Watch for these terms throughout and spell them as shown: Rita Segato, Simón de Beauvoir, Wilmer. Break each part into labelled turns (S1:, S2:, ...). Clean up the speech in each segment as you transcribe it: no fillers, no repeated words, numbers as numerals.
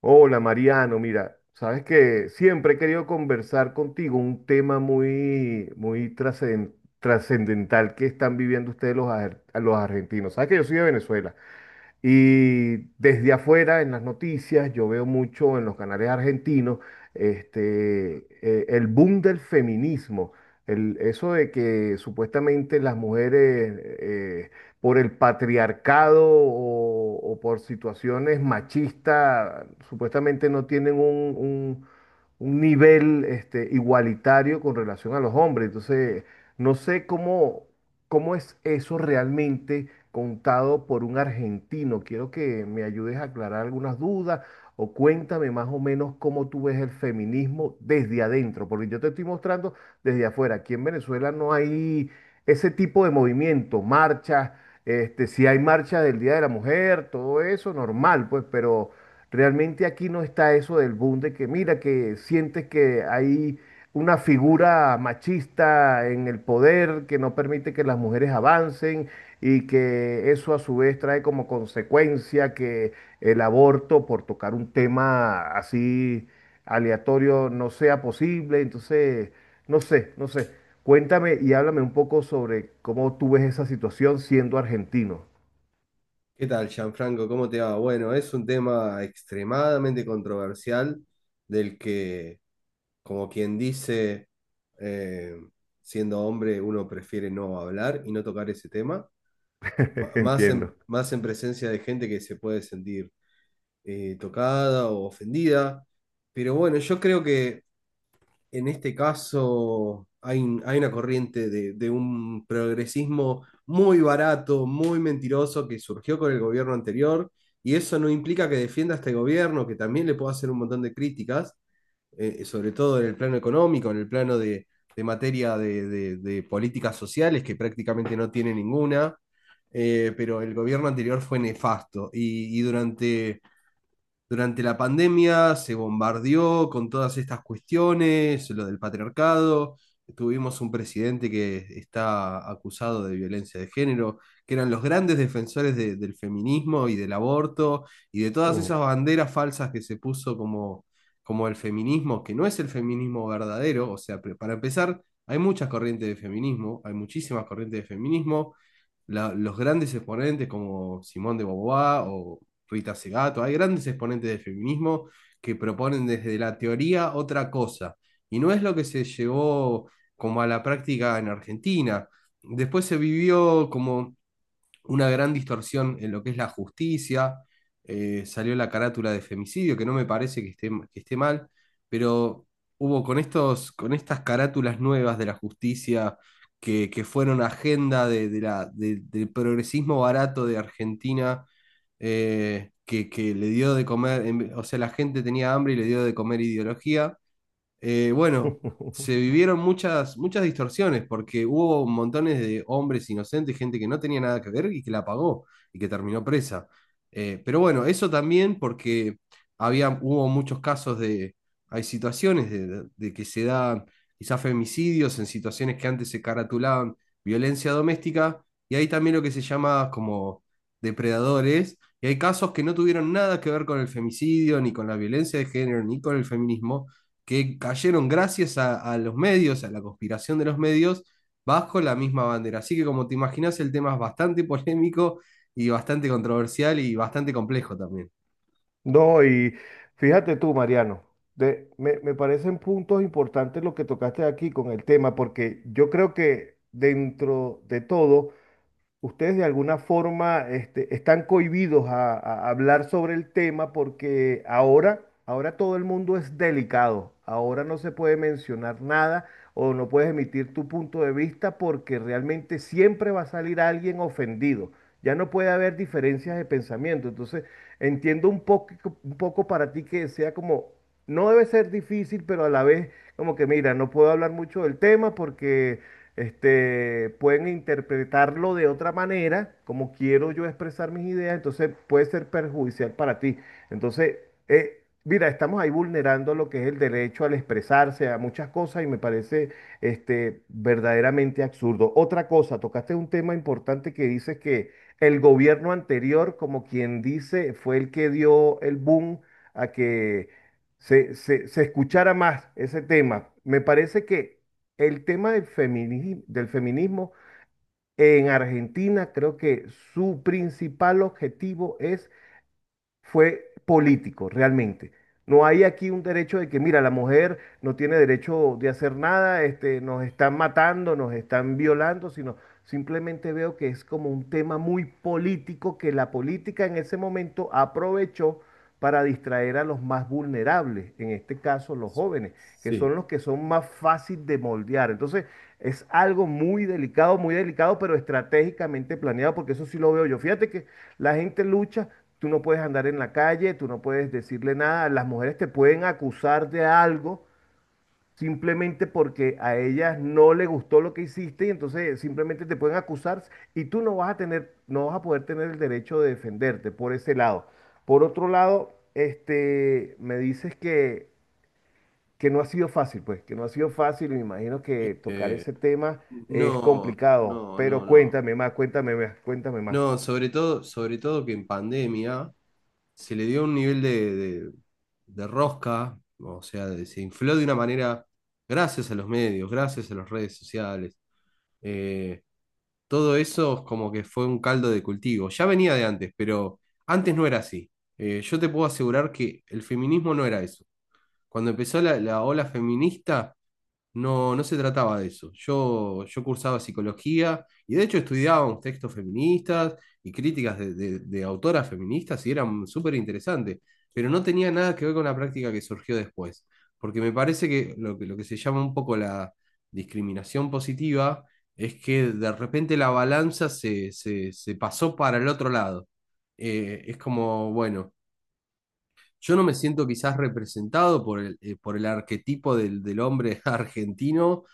S1: Hola Mariano, mira, sabes que siempre he querido conversar contigo un tema muy, muy trascendental que están viviendo ustedes los argentinos. Sabes que yo soy de Venezuela. Y desde afuera, en las noticias, yo veo mucho en los canales argentinos el boom del feminismo. Eso de que supuestamente las mujeres, por el patriarcado o por situaciones machistas, supuestamente no tienen un nivel igualitario con relación a los hombres. Entonces, no sé cómo, cómo es eso realmente contado por un argentino. Quiero que me ayudes a aclarar algunas dudas o cuéntame más o menos cómo tú ves el feminismo desde adentro, porque yo te estoy mostrando desde afuera. Aquí en Venezuela no hay ese tipo de movimiento, marchas, si hay marcha del Día de la Mujer, todo eso normal, pues, pero realmente aquí no está eso del boom de que mira, que sientes que hay una figura machista en el poder que no permite que las mujeres avancen y que eso a su vez trae como consecuencia que el aborto, por tocar un tema así aleatorio, no sea posible. Entonces, no sé, no sé. Cuéntame y háblame un poco sobre cómo tú ves esa situación siendo argentino.
S2: ¿Qué tal, Gianfranco? ¿Cómo te va? Bueno, es un tema extremadamente controversial del que, como quien dice, eh, siendo hombre, uno prefiere no hablar y no tocar ese tema,
S1: Entiendo.
S2: más en presencia de gente que se puede sentir tocada o ofendida. Pero bueno, yo creo que en este caso hay una corriente de un progresismo muy barato, muy mentiroso que surgió con el gobierno anterior, y eso no implica que defienda a este gobierno, que también le puedo hacer un montón de críticas, sobre todo en el plano económico, en el plano de materia de, de políticas sociales, que prácticamente no tiene ninguna. Eh, pero el gobierno anterior fue nefasto y durante... Durante la pandemia se bombardeó con todas estas cuestiones, lo del patriarcado. Tuvimos un presidente que está acusado de violencia de género, que eran los grandes defensores del feminismo y del aborto y de todas
S1: Mm.
S2: esas banderas falsas que se puso como, como el feminismo, que no es el feminismo verdadero. O sea, para empezar, hay muchas corrientes de feminismo, hay muchísimas corrientes de feminismo, los grandes exponentes como Simón de Beauvoir o Rita Segato, hay grandes exponentes del feminismo que proponen desde la teoría otra cosa, y no es lo que se llevó como a la práctica en Argentina. Después se vivió como una gran distorsión en lo que es la justicia. Eh, salió la carátula de femicidio, que no me parece que esté mal, pero hubo con, estos, con estas carátulas nuevas de la justicia que fueron agenda de la, del progresismo barato de Argentina, que le dio de comer. O sea, la gente tenía hambre y le dio de comer ideología. Eh, bueno, se vivieron muchas, muchas distorsiones porque hubo montones de hombres inocentes, gente que no tenía nada que ver y que la pagó y que terminó presa. Pero bueno, eso también porque había, hubo muchos casos de, hay situaciones de que se dan quizás femicidios en situaciones que antes se caratulaban violencia doméstica, y hay también lo que se llama como depredadores. Y hay casos que no tuvieron nada que ver con el femicidio, ni con la violencia de género, ni con el feminismo, que cayeron gracias a los medios, a la conspiración de los medios, bajo la misma bandera. Así que como te imaginas, el tema es bastante polémico y bastante controversial y bastante complejo también.
S1: No, y fíjate tú, Mariano, me, me parecen puntos importantes lo que tocaste aquí con el tema, porque yo creo que dentro de todo ustedes de alguna forma están cohibidos a hablar sobre el tema porque ahora, ahora todo el mundo es delicado, ahora no se puede mencionar nada o no puedes emitir tu punto de vista porque realmente siempre va a salir alguien ofendido. Ya no puede haber diferencias de pensamiento. Entonces, entiendo un poco para ti que sea como, no debe ser difícil, pero a la vez como que, mira, no puedo hablar mucho del tema porque pueden interpretarlo de otra manera, como quiero yo expresar mis ideas, entonces puede ser perjudicial para ti. Entonces, mira, estamos ahí vulnerando lo que es el derecho al expresarse a muchas cosas y me parece verdaderamente absurdo. Otra cosa, tocaste un tema importante que dices que el gobierno anterior, como quien dice, fue el que dio el boom a que se escuchara más ese tema. Me parece que el tema del feminismo en Argentina creo que su principal objetivo es, fue político, realmente. No hay aquí un derecho de que, mira, la mujer no tiene derecho de hacer nada, nos están matando, nos están violando, sino simplemente veo que es como un tema muy político que la política en ese momento aprovechó para distraer a los más vulnerables, en este caso los jóvenes, que
S2: Sí.
S1: son los que son más fácil de moldear. Entonces, es algo muy delicado, pero estratégicamente planeado, porque eso sí lo veo yo. Fíjate que la gente lucha, tú no puedes andar en la calle, tú no puedes decirle nada, las mujeres te pueden acusar de algo simplemente porque a ellas no le gustó lo que hiciste y entonces simplemente te pueden acusar y tú no vas a tener, no vas a poder tener el derecho de defenderte por ese lado. Por otro lado, me dices que no ha sido fácil, pues, que no ha sido fácil y me imagino que tocar
S2: Eh,
S1: ese tema es
S2: No,
S1: complicado,
S2: no,
S1: pero
S2: no, no.
S1: cuéntame más, cuéntame más, cuéntame más.
S2: No, sobre todo que en pandemia se le dio un nivel de, de rosca, o sea, de- se infló de una manera gracias a los medios, gracias a las redes sociales. Eh, Todo eso como que fue un caldo de cultivo. Ya venía de antes, pero antes no era así. Yo te puedo asegurar que el feminismo no era eso. Cuando empezó la, la ola feminista, no, no se trataba de eso. Yo cursaba psicología y de hecho estudiábamos textos feministas y críticas de, de autoras feministas y eran súper interesantes, pero no tenía nada que ver con la práctica que surgió después, porque me parece que lo, que lo que se llama un poco la discriminación positiva es que de repente la balanza se, se pasó para el otro lado. Es como, bueno. Yo no me siento quizás representado por el arquetipo del, del hombre argentino,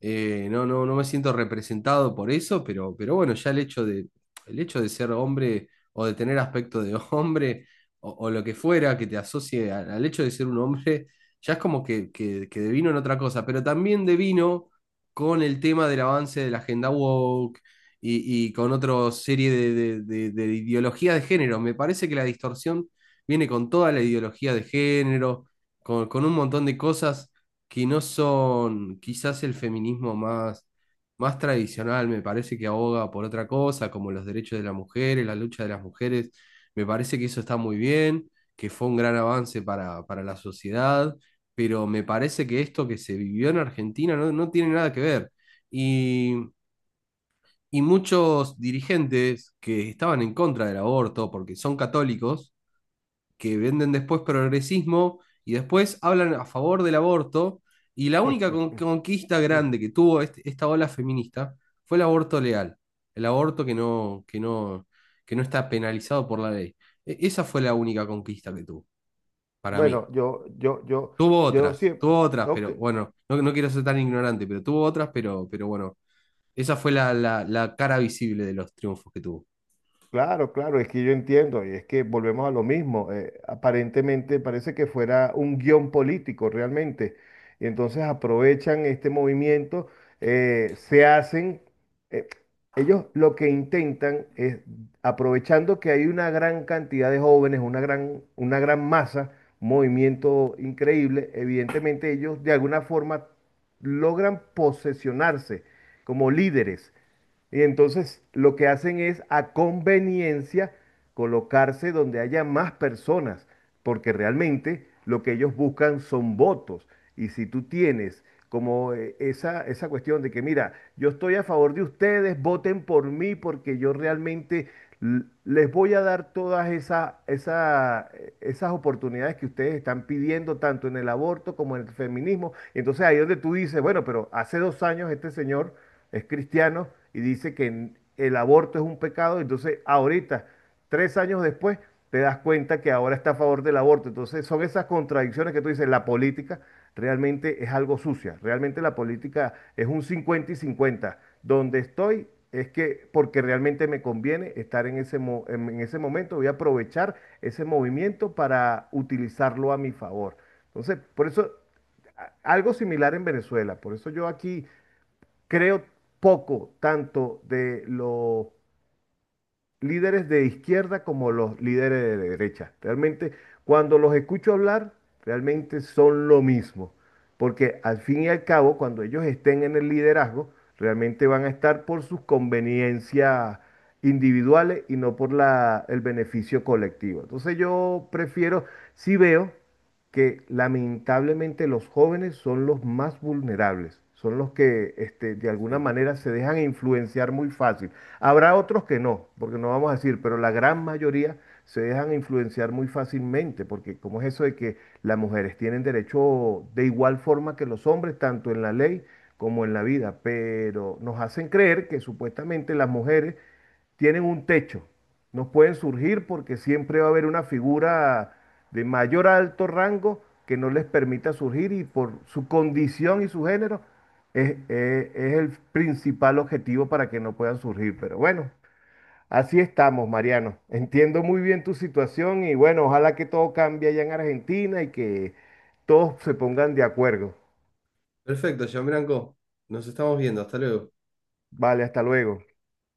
S2: no, no, no me siento representado por eso, pero bueno, ya el hecho de ser hombre o de tener aspecto de hombre o lo que fuera que te asocie al, al hecho de ser un hombre, ya es como que devino en otra cosa, pero también devino con el tema del avance de la agenda woke y con otra serie de, de ideologías de género. Me parece que la distorsión viene con toda la ideología de género, con un montón de cosas que no son quizás el feminismo más, más tradicional, me parece que aboga por otra cosa, como los derechos de las mujeres, la lucha de las mujeres, me parece que eso está muy bien, que fue un gran avance para la sociedad, pero me parece que esto que se vivió en Argentina no, no tiene nada que ver. Y, y muchos dirigentes que estaban en contra del aborto, porque son católicos, que venden después progresismo y después hablan a favor del aborto. Y la única conquista grande que tuvo esta ola feminista fue el aborto legal, el aborto que no, que no, que no está penalizado por la ley. Esa fue la única conquista que tuvo, para mí.
S1: Bueno, yo sí,
S2: Tuvo otras,
S1: ok.
S2: pero bueno, no, no quiero ser tan ignorante, pero tuvo otras, pero bueno, esa fue la, la cara visible de los triunfos que tuvo.
S1: Claro, claro, es que yo entiendo, y es que volvemos a lo mismo. Eh, aparentemente parece que fuera un guión político realmente. Y entonces aprovechan este movimiento, se hacen, eh, ellos lo que intentan es, aprovechando que hay una gran cantidad de jóvenes, una gran masa, un movimiento increíble, evidentemente ellos de alguna forma logran posesionarse como líderes. Y entonces lo que hacen es a conveniencia colocarse donde haya más personas, porque realmente lo que ellos buscan son votos. Y si tú tienes como esa, esa cuestión de que, mira, yo estoy a favor de ustedes, voten por mí porque yo realmente les voy a dar todas esas oportunidades que ustedes están pidiendo, tanto en el aborto como en el feminismo. Entonces ahí es donde tú dices, bueno, pero hace 2 años este señor es cristiano y dice que el aborto es un pecado, entonces ahorita, 3 años después, te das cuenta que ahora está a favor del aborto. Entonces son esas contradicciones que tú dices, la política realmente es algo sucia, realmente la política es un 50 y cincuenta. Donde estoy es que porque realmente me conviene estar en ese, en ese momento, voy a aprovechar ese movimiento para utilizarlo a mi favor. Entonces, por eso, algo similar en Venezuela, por eso yo aquí creo poco tanto de los líderes de izquierda como los líderes de derecha. Realmente, cuando los escucho hablar, realmente son lo mismo. Porque al fin y al cabo, cuando ellos estén en el liderazgo, realmente van a estar por sus conveniencias individuales y no por el beneficio colectivo. Entonces yo prefiero, si veo que lamentablemente los jóvenes son los más vulnerables, son los que de alguna
S2: Sí.
S1: manera se dejan influenciar muy fácil. Habrá otros que no, porque no vamos a decir, pero la gran mayoría se dejan influenciar muy fácilmente, porque como es eso de que las mujeres tienen derecho de igual forma que los hombres, tanto en la ley como en la vida, pero nos hacen creer que supuestamente las mujeres tienen un techo nos pueden surgir porque siempre va a haber una figura de mayor a alto rango que no les permita surgir y por su condición y su género es, es el principal objetivo para que no puedan surgir. Pero bueno, así estamos, Mariano. Entiendo muy bien tu situación y bueno, ojalá que todo cambie allá en Argentina y que todos se pongan de acuerdo.
S2: Perfecto, Jean Branco. Nos estamos viendo, hasta luego.
S1: Vale, hasta luego.